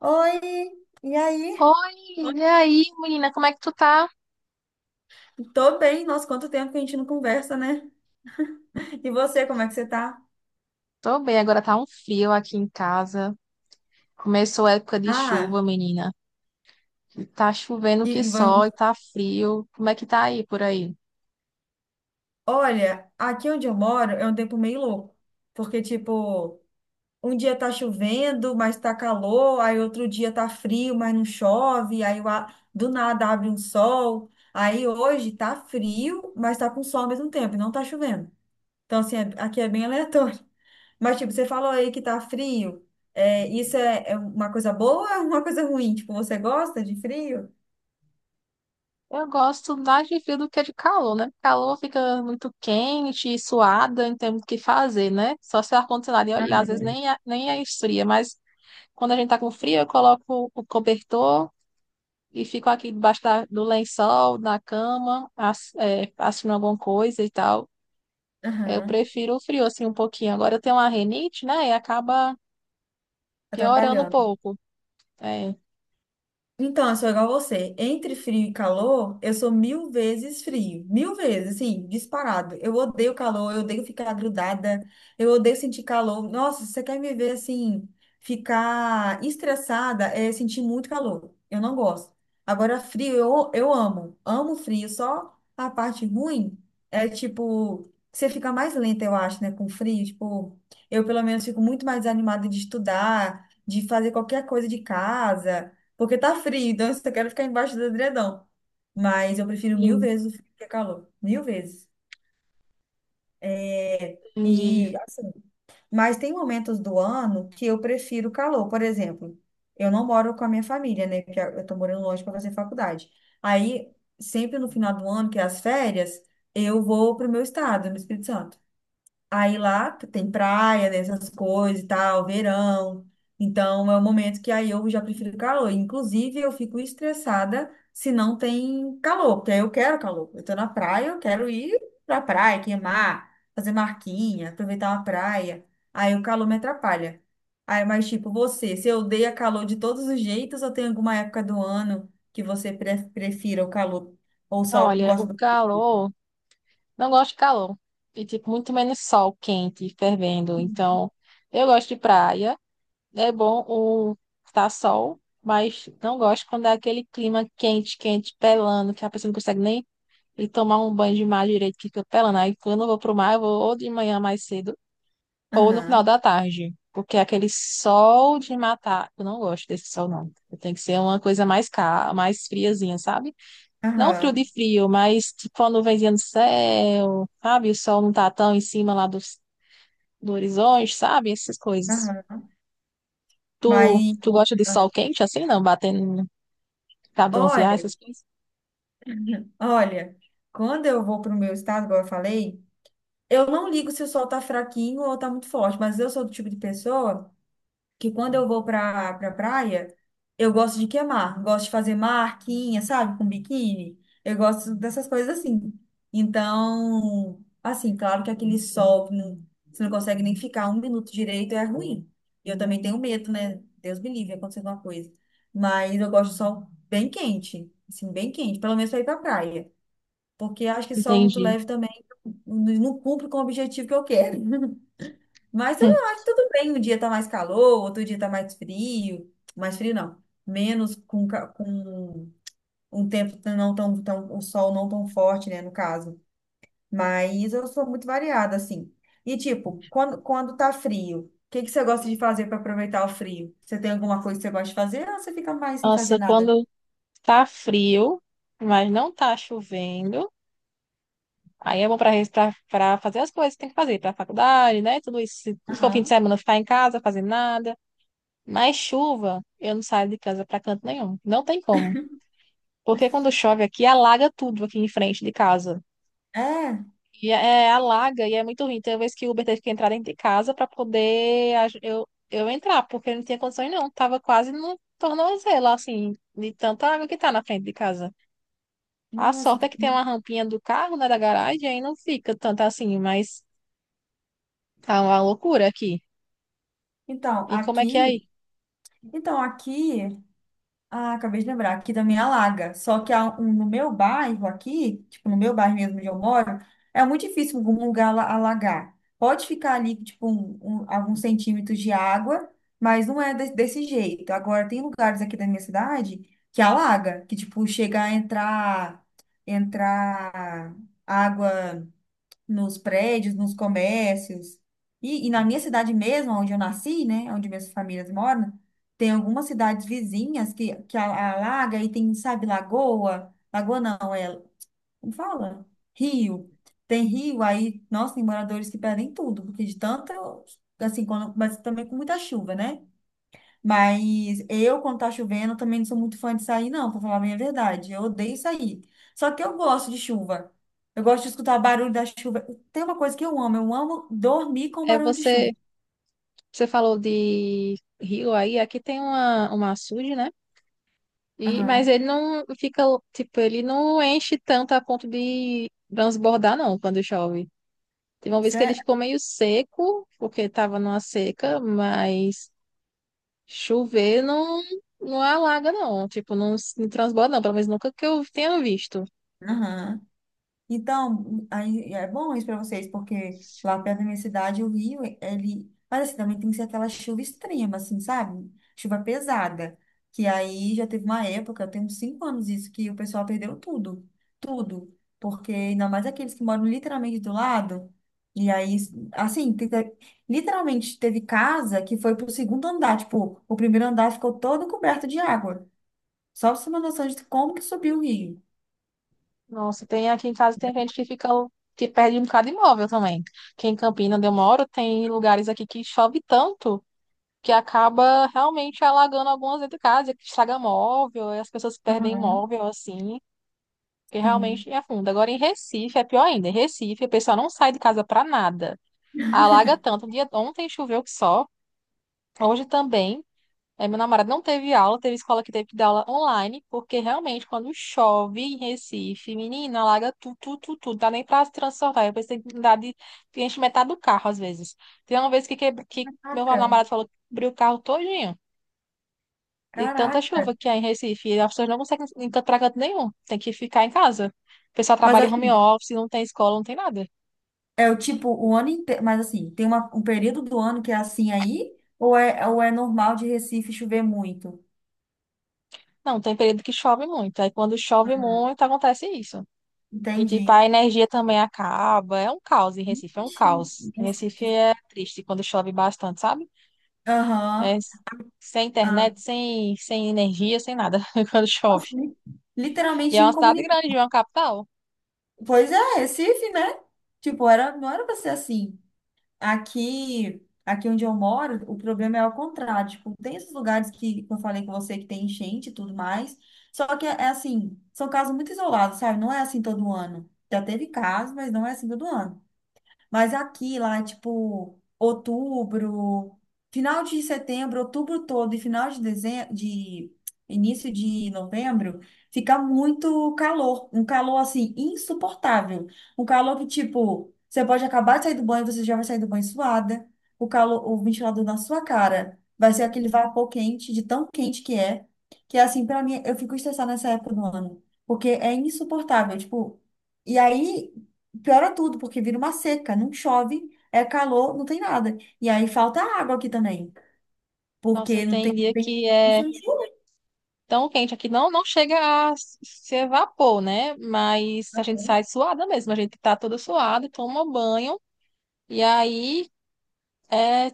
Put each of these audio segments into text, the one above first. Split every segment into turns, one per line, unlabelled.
Oi, e aí?
Oi, e aí, menina, como é que tu tá?
Tô bem, nossa, quanto tempo que a gente não conversa, né? E você, como é que você tá?
Tô bem, agora tá um frio aqui em casa. Começou a época de
Ah,
chuva, menina. Tá chovendo
e,
que
e van-
só e tá frio. Como é que tá aí por aí?
olha, aqui onde eu moro é um tempo meio louco, porque, tipo, um dia tá chovendo, mas tá calor, aí outro dia tá frio, mas não chove, aí do nada abre um sol, aí hoje tá frio, mas tá com sol ao mesmo tempo, e não tá chovendo. Então, assim, aqui é bem aleatório. Mas, tipo, você falou aí que tá frio. É, isso é, é uma coisa boa ou é uma coisa ruim? Tipo, você gosta de frio?
Eu gosto mais de frio do que de calor, né? Calor fica muito quente, suada, não tem muito o que fazer, né? Só se o ar-condicionado e olhar, às vezes
Aham.
nem, nem é esfria, mas quando a gente tá com frio, eu coloco o cobertor e fico aqui debaixo do lençol, na cama, assistindo alguma coisa e tal. Eu
Aham.
prefiro o frio, assim, um pouquinho. Agora eu tenho uma rinite, né? E acaba piorando um
Atrapalhando.
pouco. É,
Então, eu sou igual a você. Entre frio e calor, eu sou mil vezes frio. Mil vezes, assim, disparado. Eu odeio calor, eu odeio ficar grudada, eu odeio sentir calor. Nossa, se você quer me ver assim, ficar estressada, é sentir muito calor. Eu não gosto. Agora, frio, eu amo. Amo frio. Só a parte ruim é, tipo, você fica mais lenta, eu acho, né, com frio. Tipo, eu pelo menos fico muito mais animada de estudar, de fazer qualquer coisa de casa. Porque tá frio, então eu só quero ficar embaixo do edredom. Mas eu prefiro mil
sim,
vezes o frio que é calor. Mil vezes. É,
entendi.
e assim, mas tem momentos do ano que eu prefiro calor. Por exemplo, eu não moro com a minha família, né? Porque eu tô morando longe para fazer faculdade. Aí, sempre no final do ano, que é as férias, eu vou pro meu estado, no Espírito Santo. Aí lá tem praia, né, essas coisas e tal, verão. Então é o momento que aí eu já prefiro calor. Inclusive, eu fico estressada se não tem calor, porque aí eu quero calor. Eu tô na praia, eu quero ir pra praia, queimar, fazer marquinha, aproveitar uma praia. Aí o calor me atrapalha. Aí, mas tipo, você, se odeia calor de todos os jeitos, ou tem alguma época do ano que você prefira o calor? Ou só
Olha, o
gosta do frio?
calor, não gosto de calor. E, tipo, muito menos sol quente, fervendo. Então, eu gosto de praia. É bom o tá sol, mas não gosto quando é aquele clima quente, quente, pelando, que a pessoa não consegue nem ir tomar um banho de mar direito, que fica pelando. Aí, quando eu vou pro mar, eu vou ou de manhã mais cedo ou no final
Aham,
da tarde, porque é aquele sol de matar, eu não gosto desse sol, não. Tem que ser uma coisa mais friazinha, sabe? Não frio
aham,
de frio, mas tipo uma nuvenzinha no céu, sabe? O sol não tá tão em cima lá do horizonte, sabe? Essas coisas.
aham.
Tu,
Mas
tu gosta de
ah,
sol quente assim, não? Batendo pra bronzear,
olha,
essas coisas?
olha, quando eu vou para o meu estado, igual eu falei, eu não ligo se o sol tá fraquinho ou tá muito forte, mas eu sou do tipo de pessoa que quando eu vou pra praia, eu gosto de queimar. Gosto de fazer marquinha, sabe? Com biquíni. Eu gosto dessas coisas assim. Então, assim, claro que aquele sol, que não, você não consegue nem ficar um minuto direito, é ruim. E eu também tenho medo, né? Deus me livre, acontecer alguma coisa. Mas eu gosto de sol bem quente, assim, bem quente, pelo menos pra ir pra praia. Porque acho que sol muito
Entendi.
leve também não cumpre com o objetivo que eu quero. Mas eu acho que tudo bem. Um dia tá mais calor, outro dia tá mais frio. Mais frio não. Menos com, com um tempo não tão, o sol não tão forte, né, no caso. Mas eu sou muito variada, assim. E tipo, quando tá frio, o que que você gosta de fazer para aproveitar o frio? Você tem alguma coisa que você gosta de fazer ou você fica mais sem fazer
Nossa,
nada?
quando tá frio, mas não tá chovendo. Aí é bom para fazer as coisas que tem que fazer, para faculdade, né? Tudo isso. Se for fim de
Aham.
semana, ficar em casa, fazer nada. Mas chuva, eu não saio de casa para canto nenhum. Não tem como. Porque quando chove aqui, alaga tudo aqui em frente de casa.
É?
É, alaga e é muito ruim. Tem uma vez que o Uber teve que entrar dentro de casa para poder eu entrar, porque não tinha condições não. Tava quase no tornozelo, assim, de tanta água que tá na frente de casa. A
Nossa,
sorte é
tá-
que tem uma rampinha do carro, né, da garagem, aí não fica tanto assim, mas tá uma loucura aqui.
então,
E como é que é aí?
aqui, então aqui ah, acabei de lembrar, aqui também alaga. Só que no meu bairro aqui, tipo, no meu bairro mesmo onde eu moro, é muito difícil algum lugar alagar. Pode ficar ali, tipo, alguns centímetros de água, mas não é desse jeito. Agora, tem lugares aqui da minha cidade que alaga, que, tipo, chega a entrar, entrar água nos prédios, nos comércios. E na minha cidade mesmo, onde eu nasci, né, onde minhas famílias moram, tem algumas cidades vizinhas que alaga e tem, sabe, lagoa. Lagoa não, é, como fala? Rio. Tem rio, aí, nossa, tem moradores que perdem tudo, porque de tanto, assim, quando, mas também com muita chuva, né? Mas eu, quando tá chovendo, também não sou muito fã de sair, não, pra falar bem a verdade. Eu odeio sair. Só que eu gosto de chuva. Eu gosto de escutar barulho da chuva. Tem uma coisa que eu amo dormir com
É
barulho de chuva.
você, você falou de rio aí, aqui tem uma açude, né? E, mas
Aham.
ele não fica, tipo, ele não enche tanto a ponto de transbordar, não, quando chove. Teve uma vez que ele
Sério?
ficou meio seco, porque tava numa seca, mas chover não, não alaga, não. Tipo, não, não transborda, não, pelo menos nunca que eu tenha visto.
Então, aí é bom isso para vocês, porque lá perto da minha cidade, o rio, ele. Mas assim, também tem que ser aquela chuva extrema, assim, sabe? Chuva pesada. Que aí já teve uma época, eu tenho uns 5 anos isso, que o pessoal perdeu tudo. Tudo. Porque ainda mais aqueles que moram literalmente do lado. E aí, assim, literalmente teve casa que foi pro segundo andar. Tipo, o primeiro andar ficou todo coberto de água. Só pra você ter uma noção de como que subiu o rio.
Nossa, tem aqui em casa tem gente que fica que perde um bocado de imóvel também. Que em Campina, onde eu moro, tem lugares aqui que chove tanto que acaba realmente alagando algumas dentro de casa, que estraga móvel, e as pessoas perdem
Aham,
móvel assim, que
sim.
realmente afunda. Agora em Recife é pior ainda. Em Recife, o pessoal não sai de casa pra nada. Alaga tanto. Um dia ontem choveu que só, hoje também. É, meu namorado não teve aula, teve escola que teve que dar aula online, porque realmente quando chove em Recife, menina, alaga tudo, tudo, tudo, tudo, dá nem pra se transportar. Eu pensei que dá de que enche metade do carro às vezes. Tem uma vez que meu
Caraca.
namorado falou que cobriu o carro todinho, de tanta
Caraca.
chuva que há em Recife, e as pessoas não conseguem encantar pra canto nenhum, tem que ficar em casa. O pessoal
Mas
trabalha em home
assim,
office, não tem escola, não tem nada.
é o tipo, o ano inteiro. Mas assim, tem uma, um período do ano que é assim aí? Ou é normal de Recife chover muito?
Não, tem período que chove muito, aí quando chove muito acontece isso. E, tipo,
Entendi.
a energia também acaba. É um caos em Recife, é um
Ixi,
caos. Em
nossa.
Recife é triste quando chove bastante, sabe? É
Aham.
s- sem
Ah,
internet, sem energia, sem nada quando chove.
nossa,
E
literalmente
é uma cidade grande,
incomunicável.
é uma capital.
Pois é, Recife, né? Tipo, era, não era pra ser assim. Aqui, onde eu moro, o problema é ao contrário. Tipo, tem esses lugares que eu falei com você que tem enchente e tudo mais. Só que é assim, são casos muito isolados, sabe? Não é assim todo ano. Já teve casos, mas não é assim todo ano. Mas aqui, lá, é tipo, outubro, final de setembro, outubro todo e final de dezembro, de início de novembro, fica muito calor. Um calor, assim, insuportável. Um calor que, tipo, você pode acabar de sair do banho, você já vai sair do banho suada. O calor, o ventilador na sua cara vai ser aquele vapor quente, de tão quente que é. Que, assim, pra mim, eu fico estressada nessa época do ano. Porque é insuportável, tipo... E aí, piora tudo, porque vira uma seca, não chove, é calor, não tem nada. E aí falta água aqui também,
Nossa,
porque
tem
não
dia
tem,
que
não
é
tem chuva.
tão quente aqui, não, não chega ser vapor, né? Mas a gente sai suada mesmo, a gente tá toda suada, toma banho, e aí é,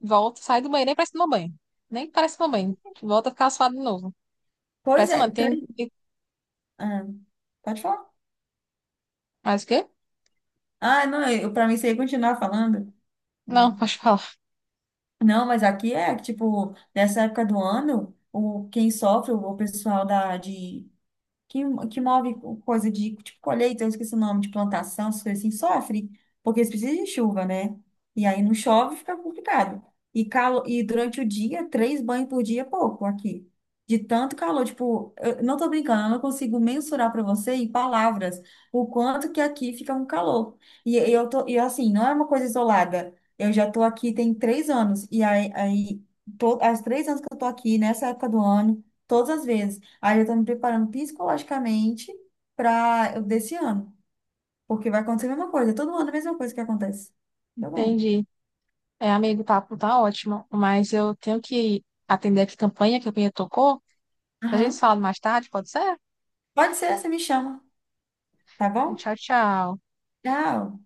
volta, sai do banheiro nem parece tomar banho. Nem parece tomar banho. Volta a ficar suado de novo.
Pois é,
Impressionante. Tem,
ah, pode falar.
mas o quê?
Ah, não, eu, pra mim você ia continuar falando.
Não,
Hum.
pode falar.
Não, mas aqui é, tipo, nessa época do ano, o, quem sofre, o pessoal da, de, que, que move coisa de tipo colheita, eu esqueci o nome, de plantação, essas coisas assim, sofre, porque eles precisam de chuva, né? E aí não chove, fica complicado. E, calo, e durante o dia, 3 banhos por dia é pouco aqui. De tanto calor, tipo, eu não tô brincando, eu não consigo mensurar para você em palavras o quanto que aqui fica um calor. E eu tô, e assim, não é uma coisa isolada. Eu já tô aqui tem 3 anos, as 3 anos que eu tô aqui, nessa época do ano, todas as vezes. Aí eu tô me preparando psicologicamente para desse ano, porque vai acontecer a mesma coisa, todo ano a mesma coisa que acontece. Tá bom?
Entendi. É, amigo, o papo tá ótimo, mas eu tenho que atender aqui campanha, que a campanha tocou. A gente se
Aham.
fala mais tarde, pode ser?
Pode ser, você me chama, tá
Então,
bom?
tchau, tchau.
Tchau.